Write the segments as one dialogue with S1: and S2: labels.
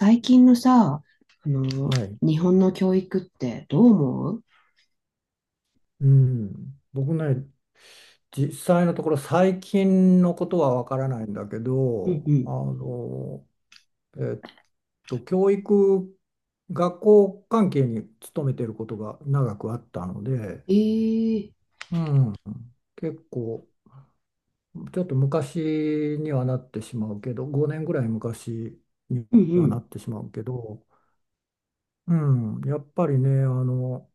S1: 最近のさ、あの、
S2: はい。
S1: 日本の教育ってどう思う？
S2: うん。僕ね、実際のところ最近のことはわからないんだけ
S1: うんう
S2: ど、
S1: ん。
S2: えっ教育、学校関係に勤めてることが長くあったので、
S1: ええ
S2: うん、結構、ちょっと昔にはなってしまうけど、5年ぐらい昔に
S1: う
S2: はな
S1: ん
S2: ってしまうけど、うやっぱりね、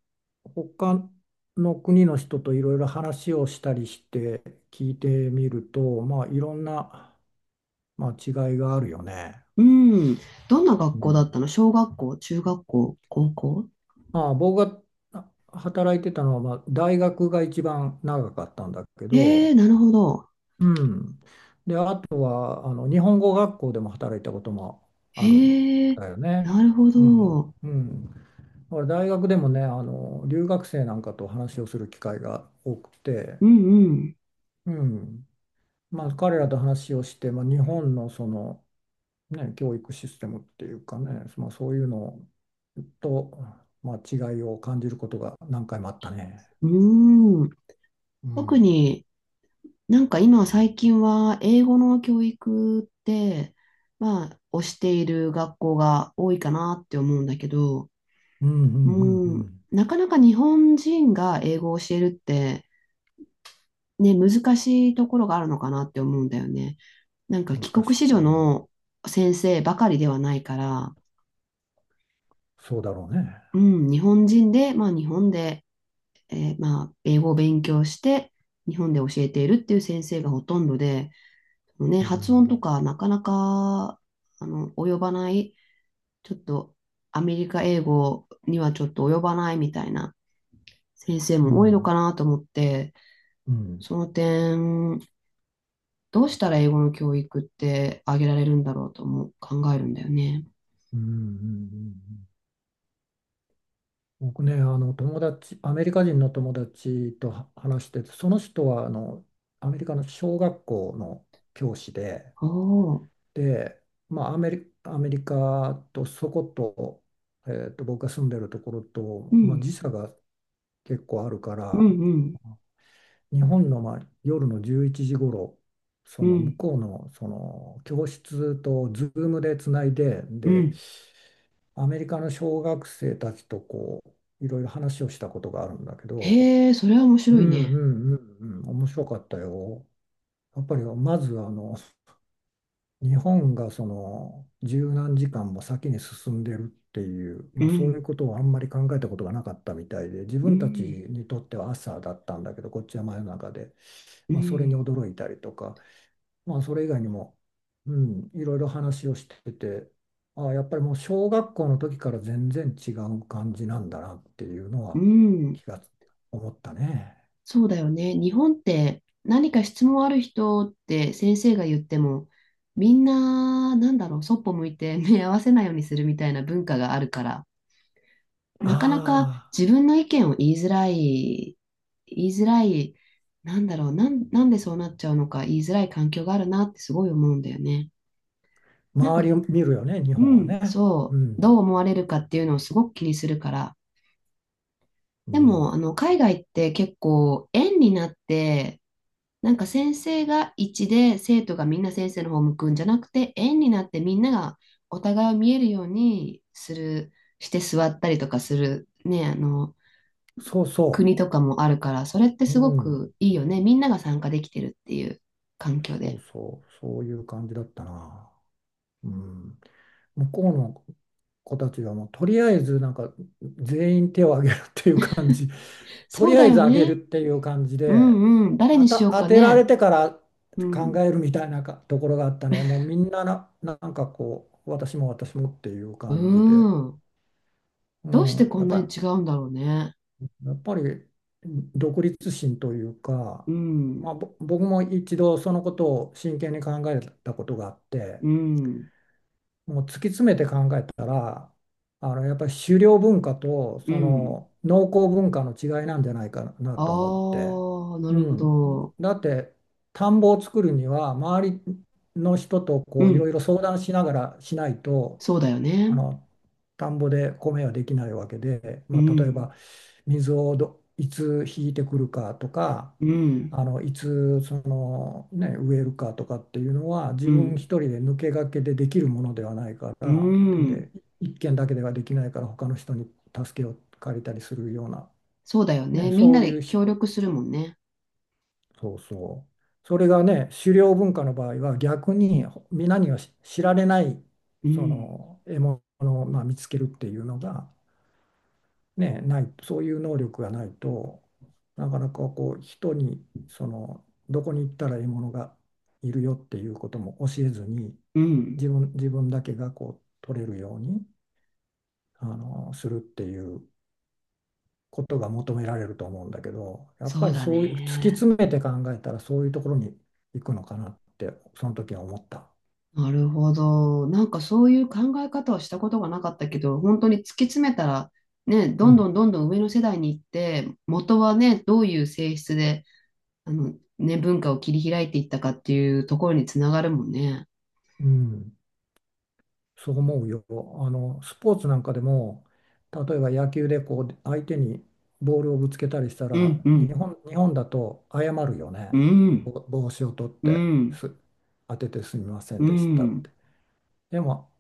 S2: 他の国の人といろいろ話をしたりして聞いてみると、まあ、いろんな、まあ、違いがあるよね。
S1: うん。うん。どんな
S2: う
S1: 学校だ
S2: ん。
S1: ったの？小学校、中学校、高校？
S2: まあ、僕が働いてたのは、まあ、大学が一番長かったんだけ
S1: ええ
S2: ど、
S1: なるほど。
S2: うん。で、あとは、あの、日本語学校でも働いたこともあるん
S1: ええ
S2: だよね。
S1: なるほ
S2: うん。
S1: ど。
S2: うん。だから大学でもね、あの留学生なんかと話をする機会が多くて、
S1: うんうん。
S2: うん、まあ、彼らと話をして、まあ、日本のその、ね、教育システムっていうかね、まあ、そういうのと、まあ、違いを感じることが何回もあったね。
S1: うん。
S2: う
S1: 特
S2: ん、
S1: になんか今最近は英語の教育って、まあ、推している学校が多いかなって思うんだけど、
S2: うん、うん、う
S1: う
S2: ん、
S1: ん、
S2: う
S1: なかなか日本人が英語を教えるって、ね、難しいところがあるのかなって思うんだよね。なんか
S2: ん
S1: 帰
S2: 難
S1: 国
S2: し
S1: 子
S2: い、う
S1: 女
S2: ん、
S1: の先生ばかりではないから、
S2: そうだろうね。
S1: うん、日本人で、まあ日本で、まあ英語を勉強して、日本で教えているっていう先生がほとんどで、ね、
S2: う
S1: 発音と
S2: ん、
S1: かなかなか、及ばない、ちょっとアメリカ英語にはちょっと及ばないみたいな先生
S2: う
S1: も多いの
S2: ん、
S1: かなと思って、
S2: うん、
S1: その点、どうしたら英語の教育ってあげられるんだろうとも考えるんだよね。
S2: うん、うん、うん。うん、僕ね、あの友達、アメリカ人の友達とは話してて、その人はあのアメリカの小学校の教師で、
S1: おお、
S2: で、まあ、アメリカとそこと、僕が住んでるところ
S1: う
S2: と、まあ、
S1: ん、
S2: 時差が結構あるか
S1: う
S2: ら、
S1: ん、うん、
S2: 日本の、まあ、夜の11時頃、そ
S1: う
S2: の向
S1: ん、
S2: こうの、その教室とズームでつないで、
S1: う
S2: で、
S1: ん。
S2: アメリカの小学生たちといろいろ話をしたことがあるんだけど、
S1: へえ、それは面
S2: う
S1: 白い
S2: んう
S1: ね。
S2: んうんうん、面白かったよ。やっぱりまずあの、日本がその十何時間も先に進んでるっていう、
S1: う
S2: まあ、そういう
S1: ん、
S2: ことをあんまり考えたことがなかったみたいで、自
S1: う
S2: 分たち
S1: ん、
S2: にとっては朝だったんだけど、こっちは真夜中で、
S1: う
S2: まあ、それに
S1: ん、
S2: 驚いたりとか、まあ、それ以外にも、うん、いろいろ話をしてて、ああ、やっぱりもう小学校の時から全然違う感じなんだなっていうの
S1: う
S2: は
S1: ん。
S2: 気が思ったね。
S1: そうだよね。日本って何か質問ある人って先生が言っても、みんな、なんだろう、そっぽ向いて 目合わせないようにするみたいな文化があるから、なかなか
S2: あ
S1: 自分の意見を言いづらい言いづらい、なんだろう、なんでそうなっちゃうのか言いづらい環境があるなってすごい思うんだよね。
S2: あ、
S1: なん
S2: 周
S1: か、
S2: りを見るよね、日
S1: う
S2: 本は
S1: ん、
S2: ね。う
S1: そう、どう
S2: ん、
S1: 思われるかっていうのをすごく気にするから。
S2: う
S1: でも、
S2: ん、
S1: 海外って結構、円になって、なんか先生が一で生徒がみんな先生の方向くんじゃなくて、円になってみんながお互いを見えるようにする、して座ったりとかする、ね、
S2: そうそ
S1: 国とかもあるから、それって
S2: う、
S1: すご
S2: うん、
S1: くいいよね。みんなが参加できてるっていう環境
S2: そう
S1: で。
S2: そう、そういう感じだったな。うん、向こうの子たちはもうとりあえずなんか全員手を挙げるっていう感じ、と
S1: そう
S2: りあ
S1: だ
S2: え
S1: よ
S2: ず挙げ
S1: ね。
S2: るっていう感じ
S1: う
S2: で、
S1: んうん。誰にしよう
S2: 当
S1: か
S2: てられ
S1: ね。
S2: てから
S1: う
S2: 考
S1: ん。
S2: えるみたいなかところがあったね。もうみんな、なんかこう私も私もっていう
S1: う
S2: 感じで、
S1: ん。
S2: う
S1: どうして
S2: ん、
S1: こんなに違うんだろうね。
S2: やっぱり独立心という
S1: う
S2: か、まあ、
S1: ん。
S2: 僕も一度そのことを真剣に考えたことがあって。
S1: うん。
S2: もう突き詰めて考えたら、あのやっぱり狩猟文化と
S1: う
S2: そ
S1: ん。
S2: の農耕文化の違いなんじゃないかなと思っ
S1: あ
S2: て。
S1: あ、な
S2: う
S1: るほ
S2: ん、
S1: ど。
S2: だって田んぼを作るには周りの人と
S1: う
S2: こういろ
S1: ん。
S2: いろ相談しながらしないと、
S1: そうだよ
S2: あ
S1: ね。
S2: の田んぼで米はできないわけで、
S1: う
S2: まあ、例え
S1: ん。
S2: ば水をどいつ引いてくるかとか、
S1: うん。
S2: あのいつその、ね、植えるかとかっていうのは
S1: う
S2: 自分一
S1: ん。
S2: 人で抜け駆けでできるものではないか
S1: う
S2: ら
S1: ん。
S2: で、一軒だけではできないから他の人に助けを借りたりするような、
S1: そうだよね。
S2: ね、
S1: みん
S2: そ
S1: な
S2: うい
S1: で
S2: う
S1: 協
S2: し
S1: 力するもんね。
S2: そうそう、それがね狩猟文化の場合は逆に皆には知られない
S1: う
S2: そ
S1: ん。
S2: の獲物を、まあ、見つけるっていうのがね、ないそういう能力がないとなかなかこう人にそのどこに行ったら獲物がいるよっていうことも教えずに、
S1: うん。
S2: 自分だけがこう取れるようにあのするっていうことが求められると思うんだけど、やっ
S1: そ
S2: ぱ
S1: う
S2: り
S1: だ
S2: そういう突き
S1: ね。
S2: 詰めて考えたらそういうところに行くのかなってその時は思った。
S1: なるほど。なんかそういう考え方をしたことがなかったけど、本当に突き詰めたら、ね、ど
S2: う
S1: んどん
S2: ん、
S1: どんどん上の世代に行って、元はね、どういう性質で、ね、文化を切り開いていったかっていうところにつながるもんね。
S2: うん、そう思うよ。あの、スポーツなんかでも、例えば野球でこう相手にボールをぶつけたりした
S1: う
S2: ら、
S1: ん、うん、
S2: 日本だと謝るよ
S1: う
S2: ね。
S1: ん、
S2: 帽子を取っ
S1: う
S2: て、
S1: ん、
S2: す、当ててすみませ
S1: う
S2: んでしたっ
S1: ん。
S2: て。でも、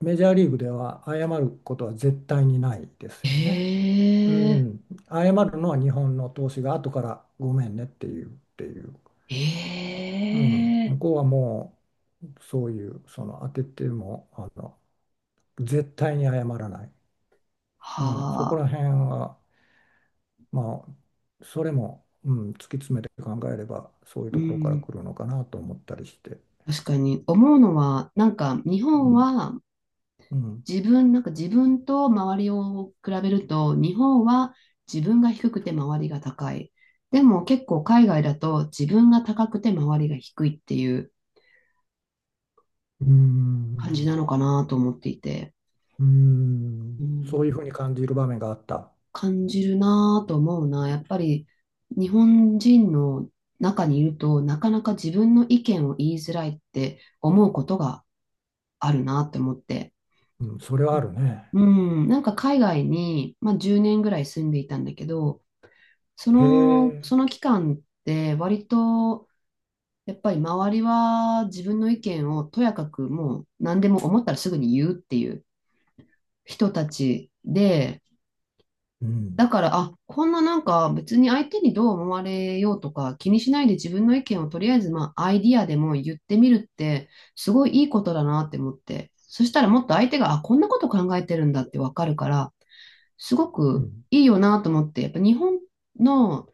S2: メジャーリーグでは謝ることは絶対にないです
S1: え
S2: よね。う
S1: え、
S2: ん、謝るのは日本の投手が後からごめんねっていう、っていう。
S1: え
S2: うん、
S1: え、
S2: 向こうはもうそういう、その当てても、あの、絶対に謝らない。うん、そこ
S1: はあ、
S2: ら辺は、まあ、それも、うん、突き詰めて考えれば、そういう
S1: う
S2: ところから
S1: ん。
S2: 来るのかなと思ったりして、
S1: 確かに思うのは、なんか日
S2: う
S1: 本
S2: ん、
S1: は
S2: うん、
S1: なんか自分と周りを比べると、日本は自分が低くて周りが高い。でも結構海外だと自分が高くて周りが低いっていう
S2: う
S1: 感じな
S2: ん、
S1: のかなと思っていて、
S2: う
S1: う
S2: ん、そう
S1: ん、
S2: いうふうに感じる場面があった。
S1: 感じるなと思うな。やっぱり日本人の中にいると、なかなか自分の意見を言いづらいって思うことがあるなって思って。
S2: うん、それはあるね。
S1: うん、なんか海外に、まあ、10年ぐらい住んでいたんだけど、そ
S2: へ
S1: の、
S2: え、
S1: その期間って割とやっぱり周りは自分の意見をとやかくもう何でも思ったらすぐに言うっていう人たちで、
S2: う
S1: だ
S2: ん、
S1: から、あ、こんななんか別に相手にどう思われようとか気にしないで自分の意見をとりあえずまあアイディアでも言ってみるってすごいいいことだなって思って、そしたらもっと相手が、あ、こんなこと考えてるんだってわかるから、すご
S2: う
S1: く
S2: ん、
S1: いいよなと思って、やっぱ日本の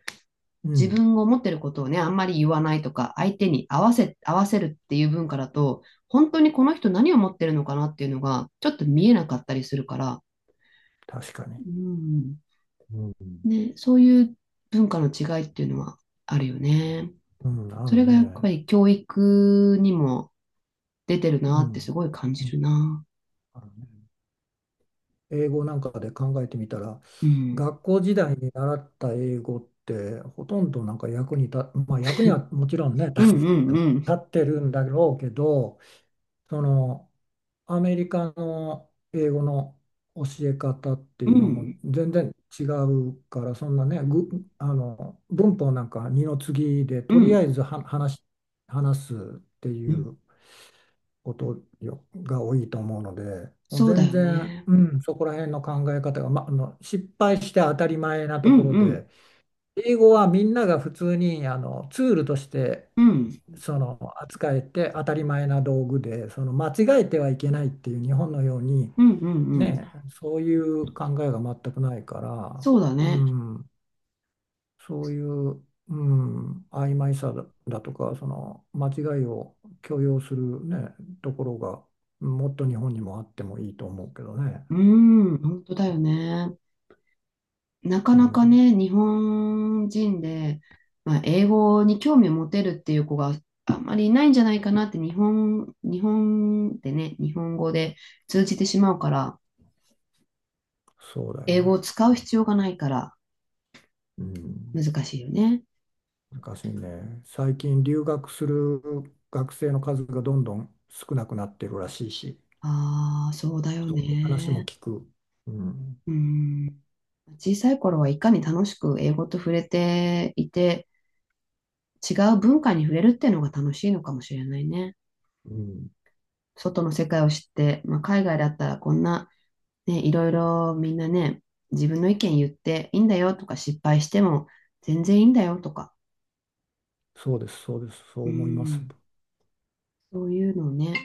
S2: う
S1: 自
S2: ん、
S1: 分を持ってることをね、あんまり言わないとか、相手に合わせるっていう文化だと、本当にこの人何を持ってるのかなっていうのが、ちょっと見えなかったりするから、
S2: 確かに。
S1: うん、
S2: うん
S1: ね、そういう文化の違いっていうのはあるよね。
S2: うん、あ
S1: そ
S2: る
S1: れがやっ
S2: ね。
S1: ぱり教育にも出てる
S2: う
S1: なって
S2: ん、
S1: すごい感
S2: う
S1: じ
S2: ん、
S1: るな。
S2: あるね。英語なんかで考えてみたら、
S1: うん。
S2: 学校時代に習った英語ってほとんどなんか役に立、まあ役にはもちろんね、
S1: うんう
S2: 立
S1: んうん。
S2: ってるんだろうけど、そのアメリカの英語の教え方って
S1: う
S2: いうのはも
S1: ん。
S2: う全然違うから、そんなね、ぐ、あの文法なんか二の次で
S1: う
S2: とりあ
S1: ん。
S2: えずは話すって
S1: う
S2: い
S1: ん。
S2: う。ことよが多いと思うので、もう
S1: そうだ
S2: 全
S1: よ
S2: 然、
S1: ね。
S2: うん、そこら辺の考え方が、ま、あの失敗して当たり前な
S1: う
S2: と
S1: ん
S2: ころ
S1: うん。
S2: で、英語はみんなが普通にあのツールとして
S1: うん。
S2: その扱えて当たり前な道具で、その間違えてはいけないっていう日本のように、
S1: うんうんうん。
S2: ね、そういう考えが全くないから、
S1: そうだ
S2: う
S1: ね。
S2: ん、そういう、うん、曖昧さだ、だとか、その間違いを許容するね、ところが、もっと日本にもあってもいいと思うけどね。
S1: うん。本当だよね。なか
S2: う
S1: なか
S2: ん、
S1: ね、日本人で、まあ、英語に興味を持てるっていう子があんまりいないんじゃないかなって、日本でね、日本語で通じてしまうから、
S2: そうだよ
S1: 英語
S2: ね。
S1: を使う必要がないから
S2: う
S1: 難
S2: ん、
S1: しいよね。
S2: 難しいね。最近留学する学生の数がどんどん少なくなってるらしいし、
S1: ああ、そうだよ
S2: そういう話も
S1: ね。
S2: 聞く。うん、
S1: うん。小さい頃はいかに楽しく英語と触れていて、違う文化に触れるっていうのが楽しいのかもしれないね。
S2: うん、
S1: 外の世界を知って、まあ、海外だったらこんなね、いろいろみんなね、自分の意見言っていいんだよとか、失敗しても全然いいんだよとか、
S2: そうです、そうです、そ
S1: う
S2: う思います。
S1: ん、そういうのをね、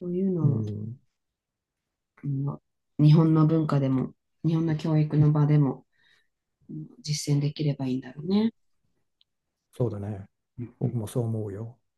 S1: そういう
S2: う
S1: のを、
S2: ん、
S1: うん、日本の文化でも、日本の教育の場でも、うん、実践できればいいんだろうね。
S2: そうだね。
S1: うんう
S2: 僕
S1: ん
S2: もそう思うよ。